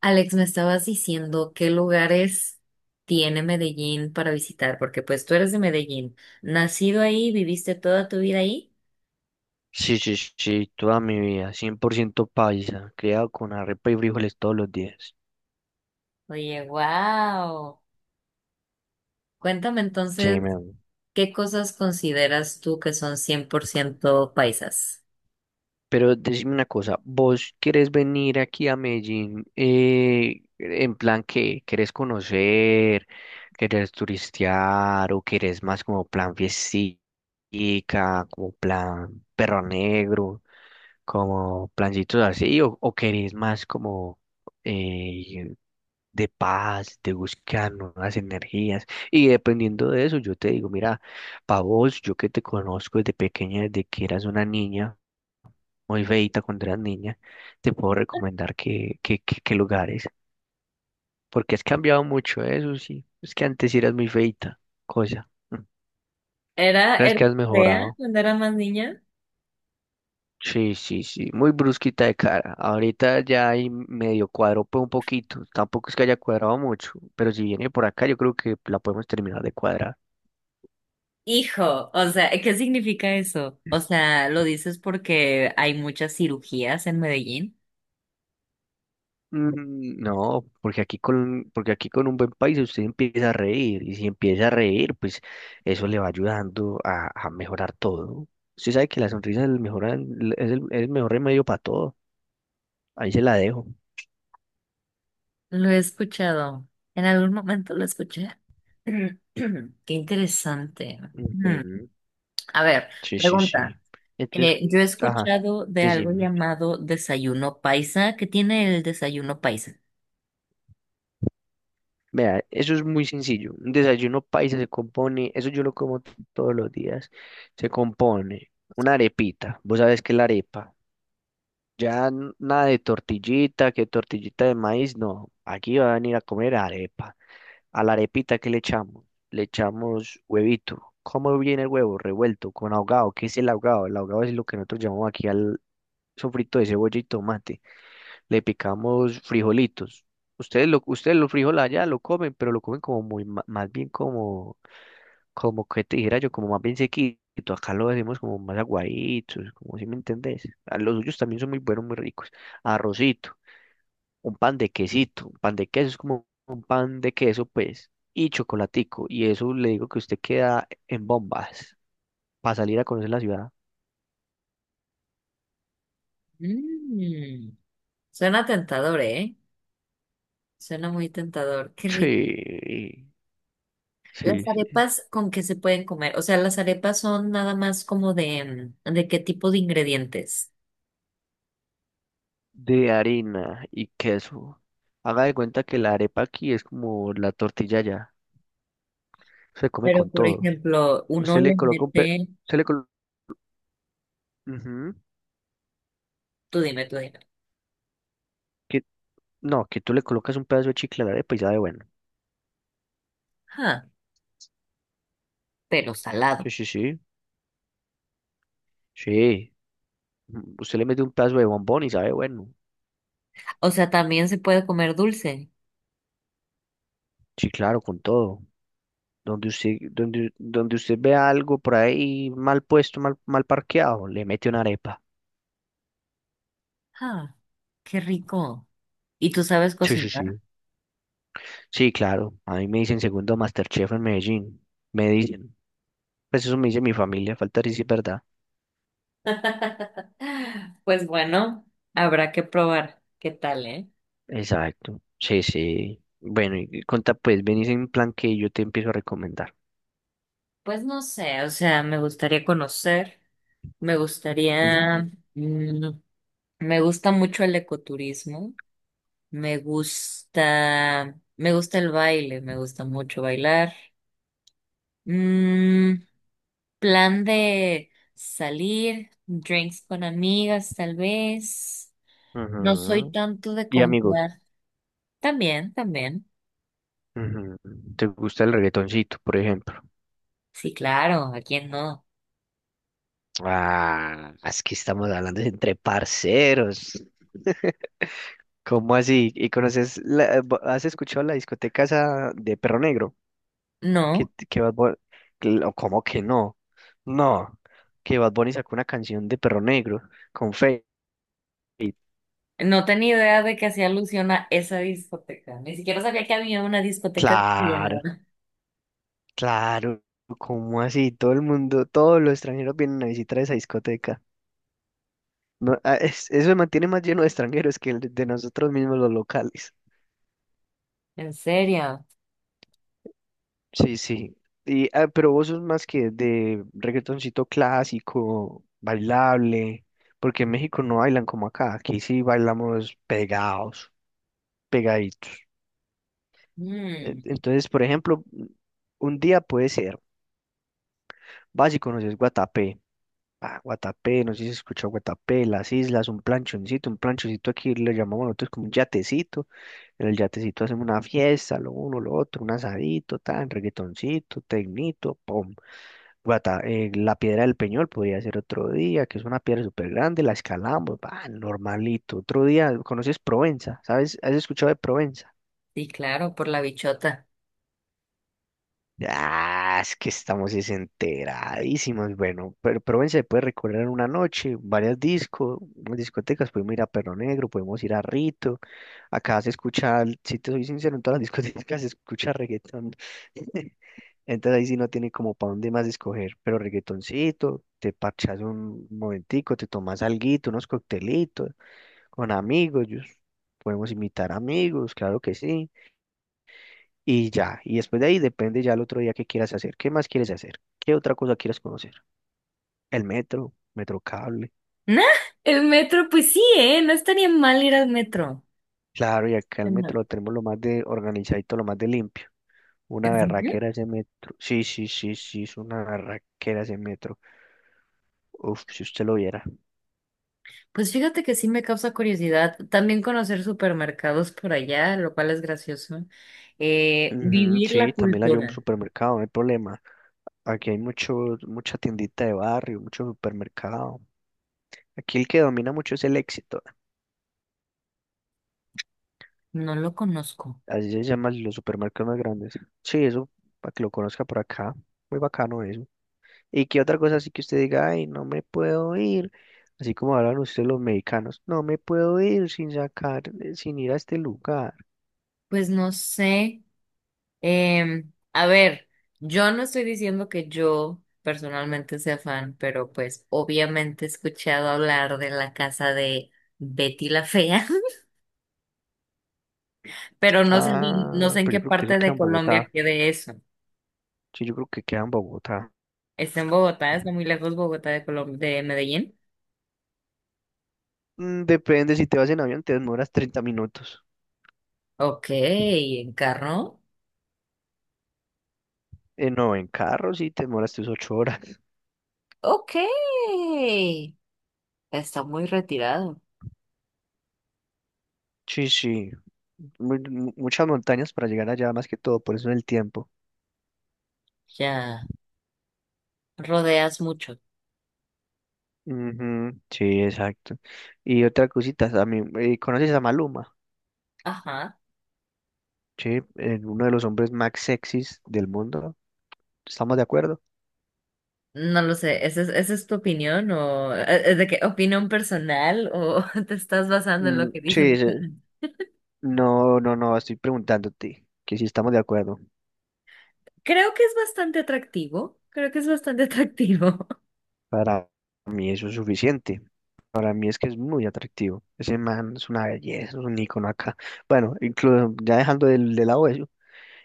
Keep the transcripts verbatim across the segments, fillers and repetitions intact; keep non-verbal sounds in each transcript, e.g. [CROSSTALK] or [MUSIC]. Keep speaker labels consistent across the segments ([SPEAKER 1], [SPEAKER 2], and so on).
[SPEAKER 1] Alex, me estabas diciendo qué lugares tiene Medellín para visitar, porque pues tú eres de Medellín, nacido ahí, viviste toda tu vida ahí.
[SPEAKER 2] Sí, sí, sí, sí, toda mi vida, cien por ciento paisa, criado con arepa y frijoles todos los días.
[SPEAKER 1] Oye, wow. Cuéntame
[SPEAKER 2] Sí, me
[SPEAKER 1] entonces, ¿qué cosas consideras tú que son cien por ciento paisas?
[SPEAKER 2] pero decime una cosa, ¿vos querés venir aquí a Medellín eh, en plan que querés conocer, querés turistear o querés más como plan fiestica, como plan perro negro, como plancitos así o, o querés más como eh, de paz, de buscar nuevas energías? Y dependiendo de eso, yo te digo, mira, para vos, yo que te conozco desde pequeña, desde que eras una niña muy feita cuando eras niña, te puedo recomendar que, que, que, que lugares, porque has cambiado mucho, ¿eh? Eso sí. Es que antes sí eras muy feita, cosa. Mm.
[SPEAKER 1] ¿Era,
[SPEAKER 2] Sabes
[SPEAKER 1] era
[SPEAKER 2] que has
[SPEAKER 1] fea
[SPEAKER 2] mejorado.
[SPEAKER 1] cuando era más niña?
[SPEAKER 2] Sí, sí, sí, muy brusquita de cara. Ahorita ya hay medio cuadro, pues un poquito. Tampoco es que haya cuadrado mucho, pero si viene por acá, yo creo que la podemos terminar de cuadrar.
[SPEAKER 1] Hijo, o sea, ¿qué significa eso? O sea, ¿lo dices porque hay muchas cirugías en Medellín?
[SPEAKER 2] Mm, No, porque aquí con, porque aquí con un buen país usted empieza a reír y si empieza a reír, pues eso le va ayudando a, a mejorar todo. Usted sabe que la sonrisa es el mejor, an- es el, es el mejor remedio para todo. Ahí se la dejo.
[SPEAKER 1] Lo he escuchado. En algún momento lo escuché. [CLEARS THROAT] Qué interesante. Mm,
[SPEAKER 2] Ujú.
[SPEAKER 1] A ver,
[SPEAKER 2] Sí, sí,
[SPEAKER 1] pregunta.
[SPEAKER 2] sí. Entonces,
[SPEAKER 1] Eh, yo he
[SPEAKER 2] ajá,
[SPEAKER 1] escuchado de algo
[SPEAKER 2] decime.
[SPEAKER 1] llamado desayuno paisa. ¿Qué tiene el desayuno paisa?
[SPEAKER 2] Vea, eso es muy sencillo. Un desayuno paisa se compone, eso yo lo como t- todos los días. Se compone una arepita. ¿Vos sabés qué es la arepa? Ya n- nada de tortillita, que tortillita de maíz, no. Aquí van a venir a comer arepa. A la arepita, ¿qué le echamos? Le echamos huevito. ¿Cómo viene el huevo? Revuelto, con ahogado. ¿Qué es el ahogado? El ahogado es lo que nosotros llamamos aquí al sofrito de cebolla y tomate. Le picamos frijolitos. Ustedes lo, ustedes los frijoles allá lo comen, pero lo comen como muy, ma- más bien como como que te dijera yo, como más bien sequito, acá lo decimos como más aguaditos, como si me entendés. Ah, los suyos también son muy buenos, muy ricos. Arrocito, un pan de quesito, un pan de queso es como un pan de queso, pues, y chocolatico. Y eso le digo que usted queda en bombas para salir a conocer la ciudad.
[SPEAKER 1] Mm, Suena tentador, ¿eh? Suena muy tentador. Qué rico.
[SPEAKER 2] Sí,
[SPEAKER 1] ¿Las
[SPEAKER 2] sí, sí.
[SPEAKER 1] arepas con qué se pueden comer? O sea, las arepas son nada más como de, mm, ¿de qué tipo de ingredientes?
[SPEAKER 2] De harina y queso. Haga de cuenta que la arepa aquí es como la tortilla allá. Se come
[SPEAKER 1] Pero,
[SPEAKER 2] con
[SPEAKER 1] por
[SPEAKER 2] todo.
[SPEAKER 1] ejemplo, uno
[SPEAKER 2] Usted le
[SPEAKER 1] le
[SPEAKER 2] coloca un pe...
[SPEAKER 1] mete,
[SPEAKER 2] Se le coloca...
[SPEAKER 1] tú dime, tú dime.
[SPEAKER 2] No, que tú le colocas un pedazo de chicle a la arepa y sabe bueno.
[SPEAKER 1] Pero
[SPEAKER 2] Sí,
[SPEAKER 1] salado.
[SPEAKER 2] sí, sí. Sí. Mm, usted le mete un pedazo de bombón y sabe bueno.
[SPEAKER 1] O sea, también se puede comer dulce.
[SPEAKER 2] Sí, claro, con todo. Donde usted, donde, donde usted vea algo por ahí mal puesto, mal, mal parqueado, le mete una arepa.
[SPEAKER 1] Ah, qué rico. ¿Y tú sabes
[SPEAKER 2] Sí, sí,
[SPEAKER 1] cocinar?
[SPEAKER 2] sí. Sí, claro. A mí me dicen segundo MasterChef en Medellín. Me dicen. Pues eso me dice mi familia, falta decir si es verdad.
[SPEAKER 1] [LAUGHS] Pues bueno, habrá que probar. ¿Qué tal, eh?
[SPEAKER 2] Exacto. Sí, sí. Bueno, y conta pues, venís en plan que yo te empiezo a recomendar.
[SPEAKER 1] Pues no sé, o sea, me gustaría conocer, me gustaría,
[SPEAKER 2] Ujú.
[SPEAKER 1] mm, me gusta, mucho el ecoturismo, me gusta, me gusta el baile, me gusta mucho bailar. Mm, plan de salir, drinks con amigas, tal vez. No soy
[SPEAKER 2] Ujú.
[SPEAKER 1] tanto de
[SPEAKER 2] Y amigos.
[SPEAKER 1] comprar. También, también.
[SPEAKER 2] Ujú. ¿Te gusta el reggaetoncito, por ejemplo?
[SPEAKER 1] Sí, claro, ¿a quién no?
[SPEAKER 2] Ah, es que estamos hablando de entre parceros. ¿Cómo así? ¿Y conoces, la- eh, bo- has escuchado la discoteca esa de Perro Negro? ¿Qué,
[SPEAKER 1] No,
[SPEAKER 2] qué Bad Bu- que lo- ¿Cómo que no? No, que Bad Bunny sacó una canción de Perro Negro con Feid.
[SPEAKER 1] no tenía idea de que hacía alusión a esa discoteca. Ni siquiera sabía que había una discoteca de
[SPEAKER 2] Claro,
[SPEAKER 1] Villanueva.
[SPEAKER 2] claro, ¿cómo así? Todo el mundo, todos los extranjeros vienen a visitar esa discoteca. No, ah, es- eso se mantiene más lleno de extranjeros que el de nosotros mismos los locales.
[SPEAKER 1] ¿En serio?
[SPEAKER 2] Sí, sí. Y, ah, pero vos sos más que de reggaetoncito clásico, bailable, porque en México no bailan como acá, aquí sí bailamos pegados, pegaditos. E-
[SPEAKER 1] Mm,
[SPEAKER 2] Entonces, por ejemplo, un día puede ser, vas y conoces Guatapé, ah, Guatapé, no sé si se escuchó Guatapé, las islas, un planchoncito, un planchoncito aquí le llamamos nosotros como un yatecito, en el yatecito hacemos una fiesta, lo uno, lo otro, un asadito, tan, reggaetoncito, tecnito, pum. Guata, eh, la piedra del Peñol podría ser otro día, que es una piedra súper grande, la escalamos, va, normalito. Otro día, ¿conoces Provenza? ¿Sabes? ¿Has escuchado de Provenza?
[SPEAKER 1] sí, claro, por la bichota.
[SPEAKER 2] Ah, es que estamos desenteradísimos. Bueno, pero, pero ven, se puede recorrer una noche, varias discos, discotecas, podemos ir a Perro Negro, podemos ir a Rito. Acá se escucha, si te soy sincero, en todas las [LAUGHS] discotecas se escucha reggaetón. [LAUGHS] Entonces ahí sí no tiene como para dónde más escoger, pero reggaetoncito, te parchas un momentico, te tomas alguito, unos coctelitos con amigos, yo- podemos invitar amigos, claro que sí y ya. Y después de ahí depende ya el otro día qué quieras hacer. ¿Qué más quieres hacer? ¿Qué otra cosa quieres conocer? El metro, metro cable.
[SPEAKER 1] Nah, el metro, pues sí, ¿eh? No estaría mal ir al metro.
[SPEAKER 2] Claro, y acá el
[SPEAKER 1] Ajá.
[SPEAKER 2] metro lo tenemos lo más de organizadito, lo más de limpio. Una
[SPEAKER 1] ¿En serio?
[SPEAKER 2] berraquera ese metro. Sí, sí, sí, sí, es una berraquera ese metro. Uf, si usted lo viera.
[SPEAKER 1] Pues fíjate que sí me causa curiosidad también conocer supermercados por allá, lo cual es gracioso. Eh,
[SPEAKER 2] Ujú,
[SPEAKER 1] vivir
[SPEAKER 2] sí,
[SPEAKER 1] la
[SPEAKER 2] también la llevo a un
[SPEAKER 1] cultura,
[SPEAKER 2] supermercado, no hay problema. Aquí hay mucho, mucha tiendita de barrio, mucho supermercado. Aquí el que domina mucho es el Éxito.
[SPEAKER 1] no lo conozco.
[SPEAKER 2] Así se llaman los supermercados más grandes. Sí, eso, para que lo conozca por acá. Muy bacano eso. ¿Y qué otra cosa así que usted diga, ay, no me puedo ir? Así como hablan ustedes los mexicanos, no me puedo ir sin sacar, eh, sin ir a este lugar.
[SPEAKER 1] Pues no sé. Em, a ver, yo no estoy diciendo que yo personalmente sea fan, pero pues obviamente he escuchado hablar de la casa de Betty la Fea, [LAUGHS] pero no sé, bien- no
[SPEAKER 2] Ah,
[SPEAKER 1] sé en
[SPEAKER 2] pero
[SPEAKER 1] qué
[SPEAKER 2] yo creo que eso
[SPEAKER 1] parte
[SPEAKER 2] queda
[SPEAKER 1] de
[SPEAKER 2] en Bogotá.
[SPEAKER 1] Colombia quede eso.
[SPEAKER 2] Sí, yo creo que queda en Bogotá.
[SPEAKER 1] Está en Bogotá, está muy lejos Bogotá de Colom- de Medellín.
[SPEAKER 2] Mm, Depende, si te vas en avión te demoras treinta minutos.
[SPEAKER 1] Ok, encarnó.
[SPEAKER 2] Eh, no, en carro sí te demoras tus ocho horas.
[SPEAKER 1] Ok. Está muy retirado.
[SPEAKER 2] Sí, sí. Mu- mu- muchas montañas para llegar allá, más que todo, por eso el tiempo.
[SPEAKER 1] Ya, rodeas mucho.
[SPEAKER 2] Ujú, sí, exacto. Y otra cosita, a mí, eh, ¿conoces a Maluma?
[SPEAKER 1] Ajá.
[SPEAKER 2] Sí, eh, uno de los hombres más sexys del mundo. ¿Estamos de acuerdo?
[SPEAKER 1] No lo sé, ¿esa es, esa es tu opinión o eh, eh, de qué opinión personal o [LAUGHS] te estás basando en lo
[SPEAKER 2] Mm,
[SPEAKER 1] que
[SPEAKER 2] sí,
[SPEAKER 1] dicen?
[SPEAKER 2] sí. No, no, no, estoy preguntándote que si estamos de acuerdo.
[SPEAKER 1] Creo que es bastante atractivo, creo que es bastante atractivo. [LAUGHS]
[SPEAKER 2] Para mí eso es suficiente. Para mí es que es muy atractivo. Ese man es una belleza, es un ícono acá. Bueno, incluso ya dejando de, de lado eso,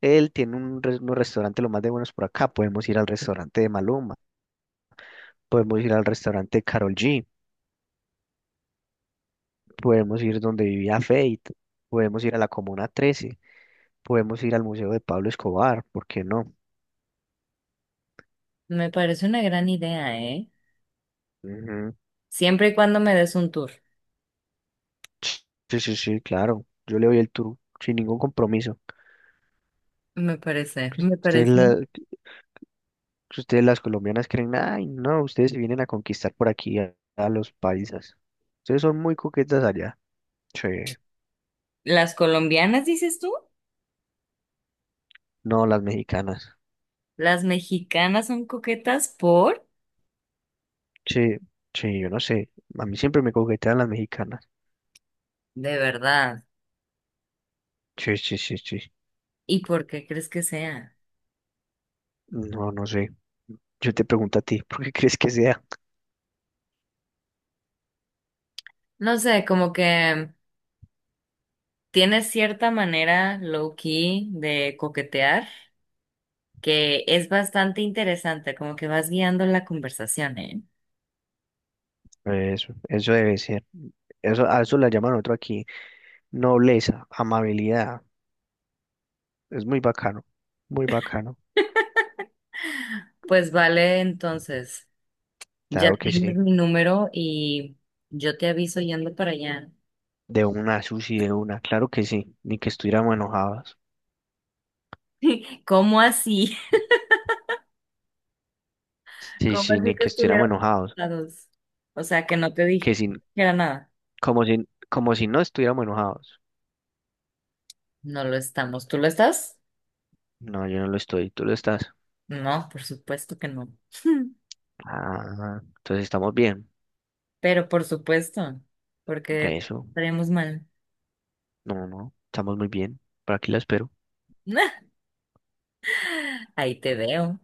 [SPEAKER 2] él tiene un, res- un restaurante lo más de buenos por acá. Podemos ir al restaurante de Maluma, podemos ir al restaurante de Karol G. Podemos ir donde vivía Fate, podemos ir a la Comuna trece, podemos ir al Museo de Pablo Escobar, ¿por qué no?
[SPEAKER 1] Me parece una gran idea, ¿eh?
[SPEAKER 2] Ujú.
[SPEAKER 1] Siempre y cuando me des un tour.
[SPEAKER 2] Sí, sí, sí, claro. Yo le doy el tour sin ningún compromiso.
[SPEAKER 1] Me parece, me
[SPEAKER 2] Ustedes,
[SPEAKER 1] parece.
[SPEAKER 2] la- ustedes las colombianas creen, ay, no, ustedes vienen a conquistar por aquí a, a los paisas. Ustedes son muy coquetas allá. Sí,
[SPEAKER 1] ¿Las colombianas, dices tú?
[SPEAKER 2] no, las mexicanas.
[SPEAKER 1] ¿Las mexicanas son coquetas por?
[SPEAKER 2] Sí, sí, yo no sé. A mí siempre me coquetean las mexicanas.
[SPEAKER 1] De verdad.
[SPEAKER 2] Sí, sí, sí, sí.
[SPEAKER 1] ¿Y por qué crees que sea?
[SPEAKER 2] No, no sé. Yo te pregunto a ti, [LAUGHS] ¿por qué crees que sea?
[SPEAKER 1] No sé, como que tiene cierta manera low-key de coquetear que es bastante interesante, como que vas guiando la conversación, ¿eh?
[SPEAKER 2] Eso, eso debe ser. Eso, a eso la llaman otro aquí. Nobleza, amabilidad. Es muy bacano, muy bacano.
[SPEAKER 1] Pues vale, entonces, ya
[SPEAKER 2] Claro que
[SPEAKER 1] tienes
[SPEAKER 2] sí.
[SPEAKER 1] mi número y yo te aviso yendo para allá.
[SPEAKER 2] De una, Susi, de una. Claro que sí. Ni que estuviéramos enojados.
[SPEAKER 1] [LAUGHS] ¿Cómo así? [LAUGHS]
[SPEAKER 2] Sí,
[SPEAKER 1] ¿Cómo
[SPEAKER 2] sí,
[SPEAKER 1] así
[SPEAKER 2] ni
[SPEAKER 1] que
[SPEAKER 2] que estuviéramos
[SPEAKER 1] estuvieron
[SPEAKER 2] enojados.
[SPEAKER 1] juntados? O sea, que no te
[SPEAKER 2] Que
[SPEAKER 1] dije
[SPEAKER 2] sin,
[SPEAKER 1] que era nada.
[SPEAKER 2] como si, como si no estuviéramos enojados.
[SPEAKER 1] No lo estamos. ¿Tú lo estás?
[SPEAKER 2] No, yo no lo estoy, tú lo estás.
[SPEAKER 1] No, por supuesto que no. [LAUGHS]
[SPEAKER 2] Ah, entonces estamos bien.
[SPEAKER 1] Pero por supuesto, porque
[SPEAKER 2] Eso.
[SPEAKER 1] estaremos mal.
[SPEAKER 2] No, no, estamos muy bien. Por aquí la espero.
[SPEAKER 1] [LAUGHS] Ahí te veo.